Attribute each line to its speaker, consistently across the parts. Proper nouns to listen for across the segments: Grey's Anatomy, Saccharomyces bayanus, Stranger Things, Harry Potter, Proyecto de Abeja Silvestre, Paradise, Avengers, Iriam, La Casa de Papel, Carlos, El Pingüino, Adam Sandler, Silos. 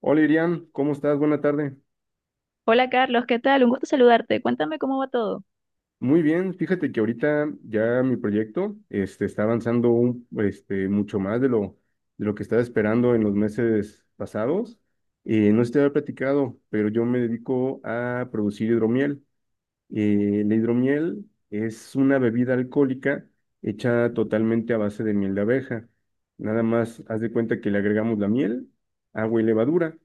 Speaker 1: Hola Iriam, ¿cómo estás? Buena tarde.
Speaker 2: Hola Carlos, ¿qué tal? Un gusto saludarte. Cuéntame cómo va todo.
Speaker 1: Muy bien, fíjate que ahorita ya mi proyecto está avanzando mucho más de lo que estaba esperando en los meses pasados. No sé si te había platicado, pero yo me dedico a producir hidromiel. La hidromiel es una bebida alcohólica hecha totalmente a base de miel de abeja. Nada más haz de cuenta que le agregamos la miel, agua y levadura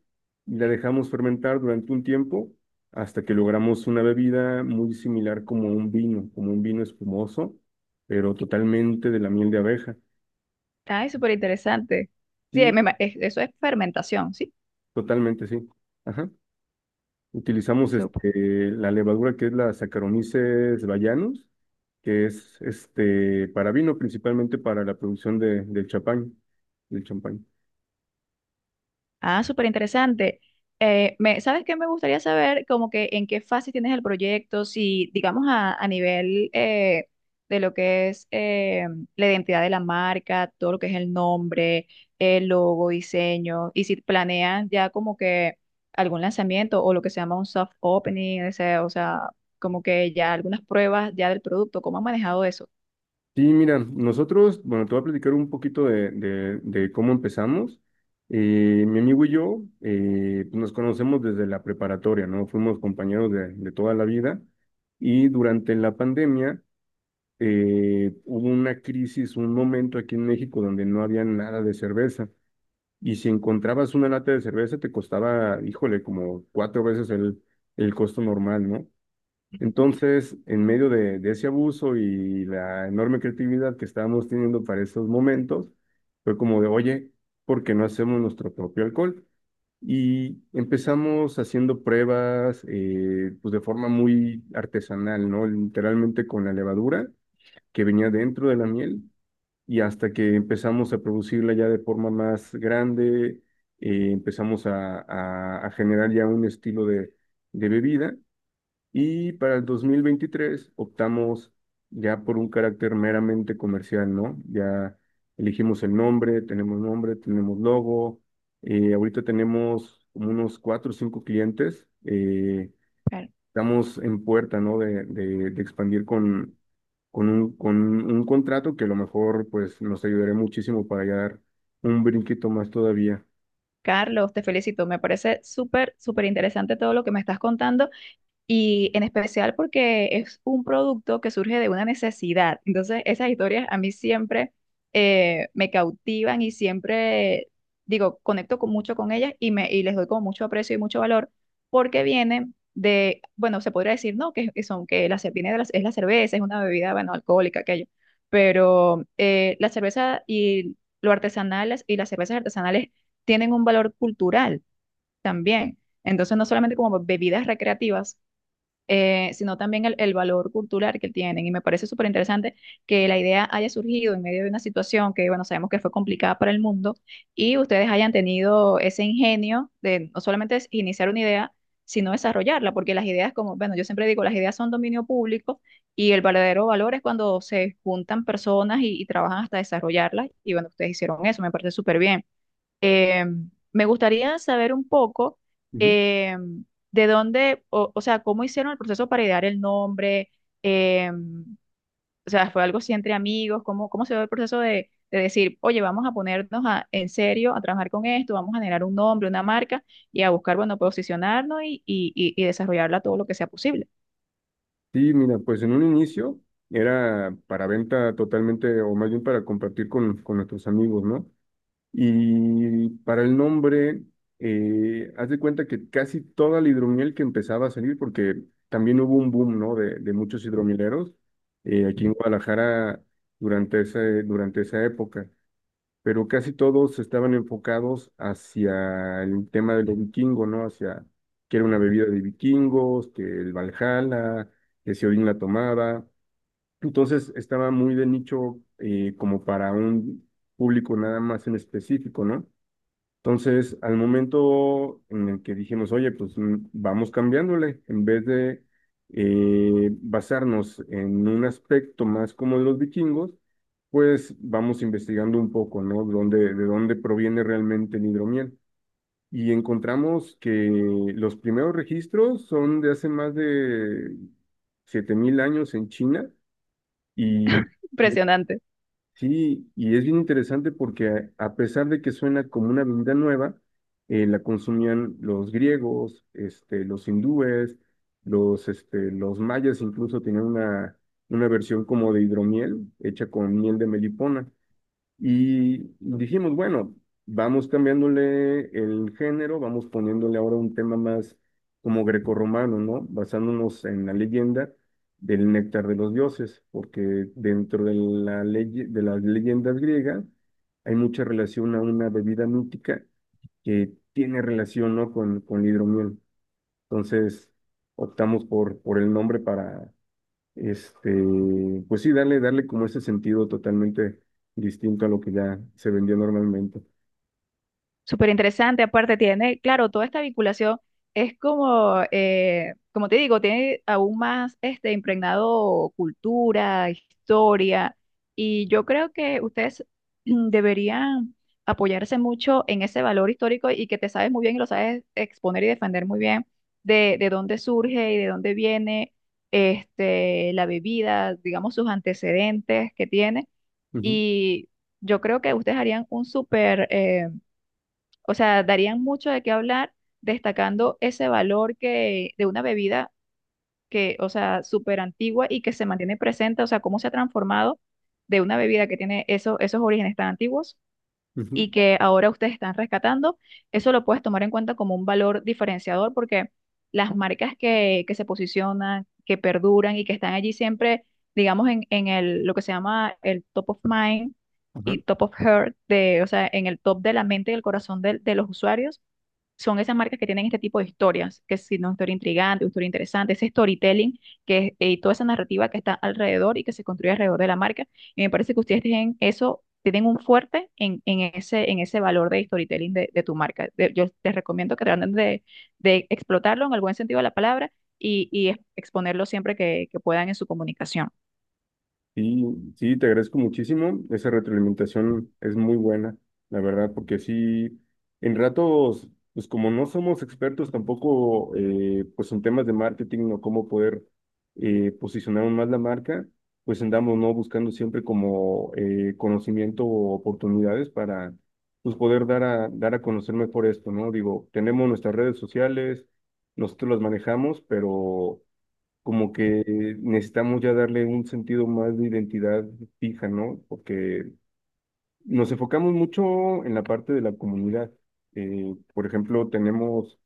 Speaker 1: y la dejamos fermentar durante un tiempo hasta que logramos una bebida muy similar como un vino espumoso, pero totalmente de la miel de abeja.
Speaker 2: Ay, súper interesante. Sí,
Speaker 1: Sí,
Speaker 2: eso es fermentación, ¿sí?
Speaker 1: totalmente sí. Ajá. Utilizamos la levadura que es la Saccharomyces bayanus, que es para vino, principalmente para la producción del champán.
Speaker 2: Ah, súper interesante. ¿Sabes qué? Me gustaría saber como que en qué fase tienes el proyecto, si digamos a nivel de lo que es la identidad de la marca, todo lo que es el nombre, el logo, diseño, y si planean ya como que algún lanzamiento o lo que se llama un soft opening, ese, o sea, como que ya algunas pruebas ya del producto, ¿cómo han manejado eso?
Speaker 1: Sí, mira, nosotros, bueno, te voy a platicar un poquito de cómo empezamos. Mi amigo y yo nos conocemos desde la preparatoria, ¿no? Fuimos compañeros de toda la vida y durante la pandemia hubo una crisis, un momento aquí en México donde no había nada de cerveza. Y si encontrabas una lata de cerveza, te costaba, híjole, como cuatro veces el costo normal, ¿no? Entonces, en medio de ese abuso y la enorme creatividad que estábamos teniendo para esos momentos, fue como de, oye, ¿por qué no hacemos nuestro propio alcohol? Y empezamos haciendo pruebas, pues de forma muy artesanal, ¿no? Literalmente con la levadura que venía dentro de la miel y hasta que empezamos a producirla ya de forma más grande, empezamos a generar ya un estilo de bebida, y para el 2023 optamos ya por un carácter meramente comercial, ¿no? Ya elegimos el nombre, tenemos logo, ahorita tenemos como unos cuatro o cinco clientes. eh,
Speaker 2: Claro.
Speaker 1: estamos en puerta, ¿no? De expandir con un contrato que a lo mejor pues nos ayudará muchísimo para ya dar un brinquito más todavía.
Speaker 2: Carlos, te felicito, me parece súper, súper interesante todo lo que me estás contando. Y en especial porque es un producto que surge de una necesidad. Entonces, esas historias a mí siempre me cautivan y siempre, digo, conecto con, mucho con ellas y, me, y les doy como mucho aprecio y mucho valor porque vienen de, bueno, se podría decir, no, que son, que la, ce- viene de la, es la cerveza, es una bebida, bueno, alcohólica, aquello, pero la cerveza y lo artesanal y las cervezas artesanales tienen un valor cultural también. Entonces, no solamente como bebidas recreativas, sino también el valor cultural que tienen. Y me parece súper interesante que la idea haya surgido en medio de una situación que, bueno, sabemos que fue complicada para el mundo y ustedes hayan tenido ese ingenio de no solamente es iniciar una idea, sino desarrollarla, porque las ideas, como, bueno, yo siempre digo, las ideas son dominio público y el verdadero valor es cuando se juntan personas y trabajan hasta desarrollarlas. Y bueno, ustedes hicieron eso, me parece súper bien. Eh, Me gustaría saber un poco
Speaker 1: Ujú.
Speaker 2: eh, de dónde, o sea, cómo hicieron el proceso para idear el nombre, eh, o sea, fue algo así entre amigos, cómo, cómo se dio el proceso de decir, oye, vamos a ponernos a- en serio a trabajar con esto, vamos a generar un nombre, una marca y a buscar, bueno, posicionarnos y, y desarrollarla todo lo que sea posible.
Speaker 1: Sí, mira, pues en un inicio era para venta totalmente, o más bien para compartir con nuestros amigos, ¿no? Y para el nombre, haz de cuenta que casi toda la hidromiel que empezaba a salir, porque también hubo un boom, ¿no? De muchos hidromieleros aquí en Guadalajara durante esa época. Pero casi todos estaban enfocados hacia el tema de lo vikingo, ¿no? Hacia que era una bebida de vikingos, que el Valhalla, que si Odín la tomaba. Entonces estaba muy de nicho como para un público nada más en específico, ¿no? Entonces, al momento en el que dijimos, oye, pues vamos cambiándole, en vez de basarnos en un aspecto más como los vikingos, pues vamos investigando un poco, ¿no? De dónde proviene realmente el hidromiel. Y encontramos que los primeros registros son de hace más de 7000 años en China y Mm.
Speaker 2: Impresionante.
Speaker 1: Sí, y es bien interesante porque a pesar de que suena como una bebida nueva, la consumían los griegos, los hindúes, los mayas incluso tenían una versión como de hidromiel hecha con miel de melipona. Y dijimos, bueno, vamos cambiándole el género, vamos poniéndole ahora un tema más como grecorromano, ¿no? Basándonos en la leyenda del néctar de los dioses, porque dentro de las leyendas griegas hay mucha relación a una bebida mítica que tiene relación, ¿no? con la hidromiel. Entonces, optamos por el nombre para este, pues sí, darle como ese sentido totalmente distinto a lo que ya se vendía normalmente.
Speaker 2: Súper interesante, aparte tiene, claro, toda esta vinculación es como, como te digo, tiene aún más este impregnado cultura, historia, y yo creo que ustedes mm, deberían apoyarse mucho en ese valor histórico y que te sabes muy bien y lo sabes exponer y defender muy bien de dónde surge y de dónde viene este, la bebida, digamos, sus antecedentes que tiene,
Speaker 1: Ujú,
Speaker 2: y yo creo que ustedes harían un súper… o sea, darían mucho de qué hablar, destacando ese valor que, de una bebida que, o sea, súper antigua y que se mantiene presente, o sea, cómo se ha transformado de una bebida que tiene eso- esos orígenes tan antiguos
Speaker 1: ujú,
Speaker 2: y que ahora ustedes están rescatando. Eso lo puedes tomar en cuenta como un valor diferenciador porque las marcas que se posicionan, que perduran y que están allí siempre, digamos, en el, lo que se llama el top of mind
Speaker 1: ajá.
Speaker 2: y top of heart, de, o sea, en el top de la mente y el corazón del- de los usuarios son esas marcas que tienen este tipo de historias, que si no, historia intrigante, historia interesante, ese storytelling que, y toda esa narrativa que está alrededor y que se construye alrededor de la marca. Y me parece que ustedes tienen eso, tienen un fuerte en ese valor de storytelling de tu marca. De- yo les recomiendo que traten de explotarlo en el buen sentido de la palabra y ex- exponerlo siempre que puedan en su comunicación.
Speaker 1: Sí, sí, te agradezco muchísimo. Esa retroalimentación es muy buena, la verdad, porque sí, en ratos, pues como no somos expertos tampoco, pues en temas de marketing o cómo poder posicionar aún más la marca, pues andamos, ¿no? Buscando siempre como conocimiento o oportunidades para, pues poder dar a conocer mejor esto, ¿no? Digo, tenemos nuestras redes sociales, nosotros las manejamos, pero como que necesitamos ya darle un sentido más de identidad fija, ¿no? Porque nos enfocamos mucho en la parte de la comunidad. Por ejemplo, tenemos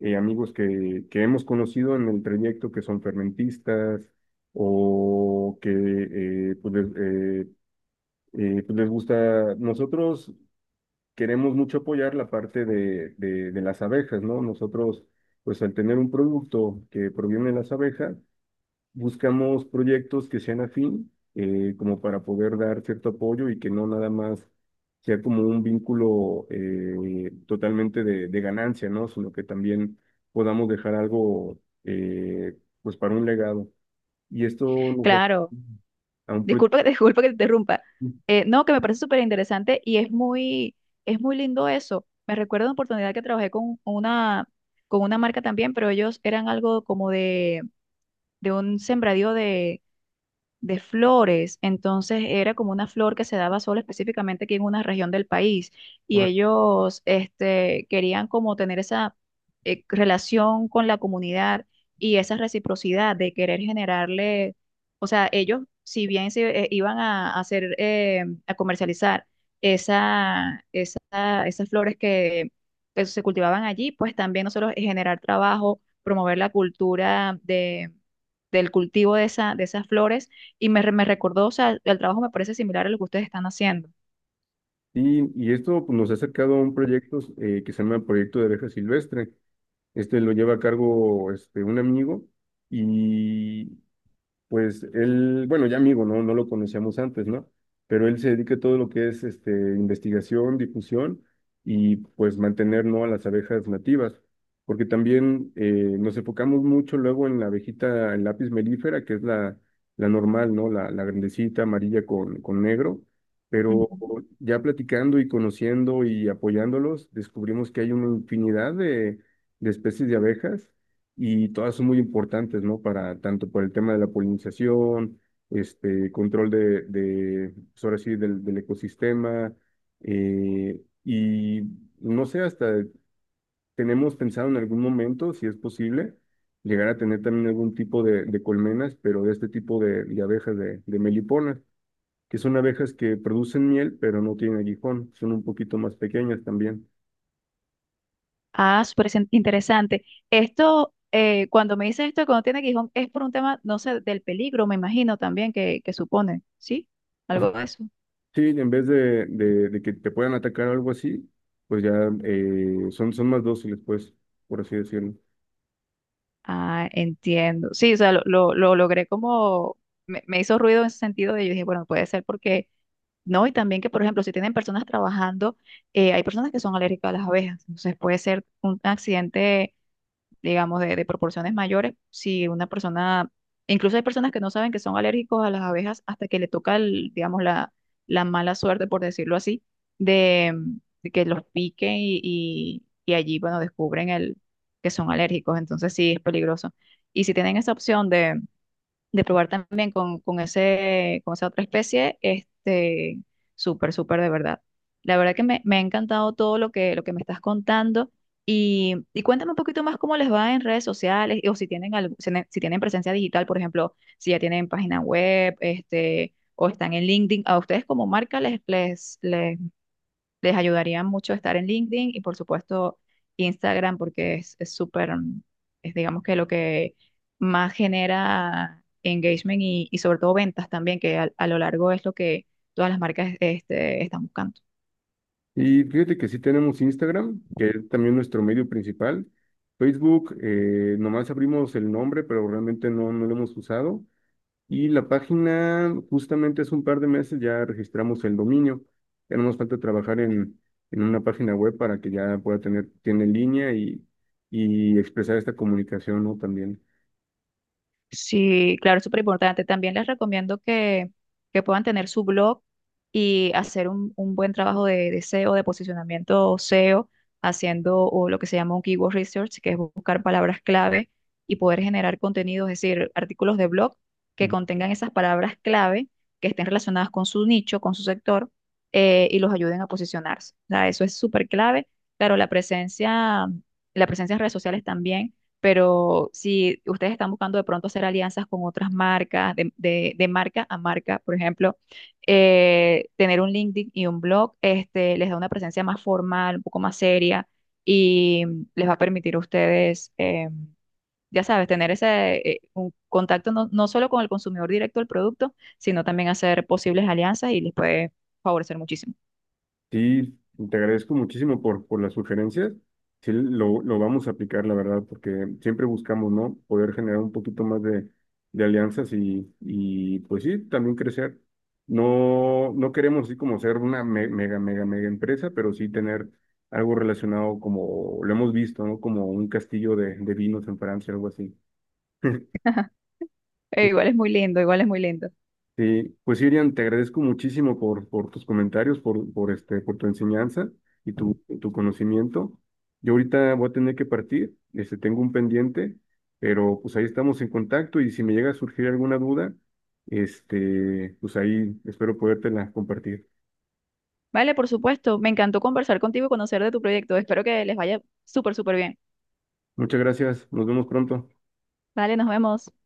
Speaker 1: amigos que hemos conocido en el trayecto que son fermentistas o que pues, pues les gusta. Nosotros queremos mucho apoyar la parte de las abejas, ¿no? Nosotros, pues al tener un producto que proviene de las abejas, buscamos proyectos que sean afín, como para poder dar cierto apoyo y que no nada más sea como un vínculo totalmente de ganancia, ¿no? Sino que también podamos dejar algo, pues, para un legado. Y esto nos ha-
Speaker 2: Claro.
Speaker 1: a un pro-
Speaker 2: Disculpa que te, disculpa que te interrumpa. No, que me parece súper interesante y es muy lindo eso. Me recuerdo una oportunidad que trabajé con una marca también, pero ellos eran algo como de un sembradío de flores, entonces era como una flor que se daba solo específicamente aquí en una región del país y
Speaker 1: Ahora,
Speaker 2: ellos este, querían como tener esa relación con la comunidad y esa reciprocidad de querer generarle, o sea, ellos si bien se iban a hacer, a comercializar esa, esa- esas flores que se cultivaban allí, pues también nosotros generar trabajo, promover la cultura de, del cultivo de esa, de esas flores y me, re- me recordó, o sea, el trabajo me parece similar a lo que ustedes están haciendo.
Speaker 1: y esto pues, nos ha acercado a un proyecto que se llama Proyecto de Abeja Silvestre. Este lo lleva a cargo un amigo y pues él, bueno, ya amigo, ¿no? No lo conocíamos antes, ¿no? Pero él se dedica a todo lo que es investigación, difusión y pues mantener, ¿no? A las abejas nativas, porque también nos enfocamos mucho luego en la abejita, el lápiz melífera, que es la normal, ¿no? La grandecita amarilla con negro, pero
Speaker 2: Ujú.
Speaker 1: ya platicando y conociendo y apoyándolos, descubrimos que hay una infinidad de especies de abejas y todas son muy importantes, ¿no? Para tanto por el tema de la polinización, control de pues ahora sí, del ecosistema, y no sé, hasta tenemos pensado en algún momento, si es posible, llegar a tener también algún tipo de colmenas, pero de este tipo de abejas de meliponas, que son abejas que producen miel, pero no tienen aguijón, son un poquito más pequeñas también.
Speaker 2: Ah, súper sen- interesante. Esto, cuando me dices esto, cuando tiene Gijón, es por un tema, no sé, del peligro, me imagino también que supone, ¿sí? Algo de eso.
Speaker 1: Sí, en vez de que te puedan atacar o algo así, pues ya son más dóciles, pues, por así decirlo.
Speaker 2: Ah, entiendo. Sí, o sea, lo logré como, me hizo ruido en ese sentido de yo dije, bueno, puede ser porque, no, y también que, por ejemplo, si tienen personas trabajando, hay personas que son alérgicas a las abejas, entonces puede ser un accidente digamos, de proporciones mayores. Si una persona, incluso hay personas que no saben que son alérgicos a las abejas hasta que le toca, el, digamos, la mala suerte, por decirlo así, de, de que los piquen y allí, bueno, descubren el, que son alérgicos. Entonces sí, es peligroso. Y si tienen esa opción de probar también con ese, con esa otra especie, este, súper, súper de verdad. La verdad que me ha encantado todo lo que me estás contando y cuéntame un poquito más cómo les va en redes sociales o si tienen, algo- si tienen si tienen presencia digital, por ejemplo, si ya tienen página web, este, o están en LinkedIn, a ustedes como marca les, les, les ayudaría mucho estar en LinkedIn y por supuesto Instagram porque es súper, mm, es digamos que lo que más genera engagement y sobre todo ventas también, que al- a, lo largo es lo que todas las marcas este, están buscando.
Speaker 1: Y fíjate que sí tenemos Instagram, que es también nuestro medio principal. Facebook, nomás abrimos el nombre, pero realmente no, no lo hemos usado. Y la página, justamente hace un par de meses ya registramos el dominio. Ya no nos falta trabajar en una página web para que ya pueda tener, tiene línea y expresar esta comunicación, ¿no? También.
Speaker 2: Sí, claro, es súper importante. También les recomiendo que puedan tener su blog y hacer un buen trabajo de SEO, de posicionamiento SEO, haciendo o lo que se llama un keyword research, que es buscar palabras clave y poder generar contenidos, es decir, artículos de blog que contengan esas palabras clave que estén relacionadas con su nicho, con su sector, y los ayuden a posicionarse. O sea, eso es súper clave. Claro, la presencia en redes sociales también pero si ustedes están buscando de pronto hacer alianzas con otras marcas, de marca a marca, por ejemplo, tener un LinkedIn y un blog, este, les da una presencia más formal, un poco más seria y les va a permitir a ustedes, ya sabes, tener ese un contacto no, no solo con el consumidor directo del producto, sino también hacer posibles alianzas y les puede favorecer muchísimo.
Speaker 1: Sí, te agradezco muchísimo por las sugerencias. Sí, lo vamos a aplicar, la verdad, porque siempre buscamos, ¿no? Poder generar un poquito más de alianzas y, pues sí, también crecer. No, no queremos así como ser una mega, mega, mega empresa, pero sí tener algo relacionado como lo hemos visto, ¿no? Como un castillo de vinos en Francia, algo así.
Speaker 2: Igual es muy lindo, igual es muy lindo.
Speaker 1: Sí, pues sí, Irian, te agradezco muchísimo por tus comentarios, por tu enseñanza y tu conocimiento. Yo ahorita voy a tener que partir, tengo un pendiente, pero pues ahí estamos en contacto y si me llega a surgir alguna duda, pues ahí espero podértela compartir.
Speaker 2: Vale, por supuesto, me encantó conversar contigo y conocer de tu proyecto. Espero que les vaya súper, súper bien.
Speaker 1: Muchas gracias, nos vemos pronto.
Speaker 2: Vale, nos vemos.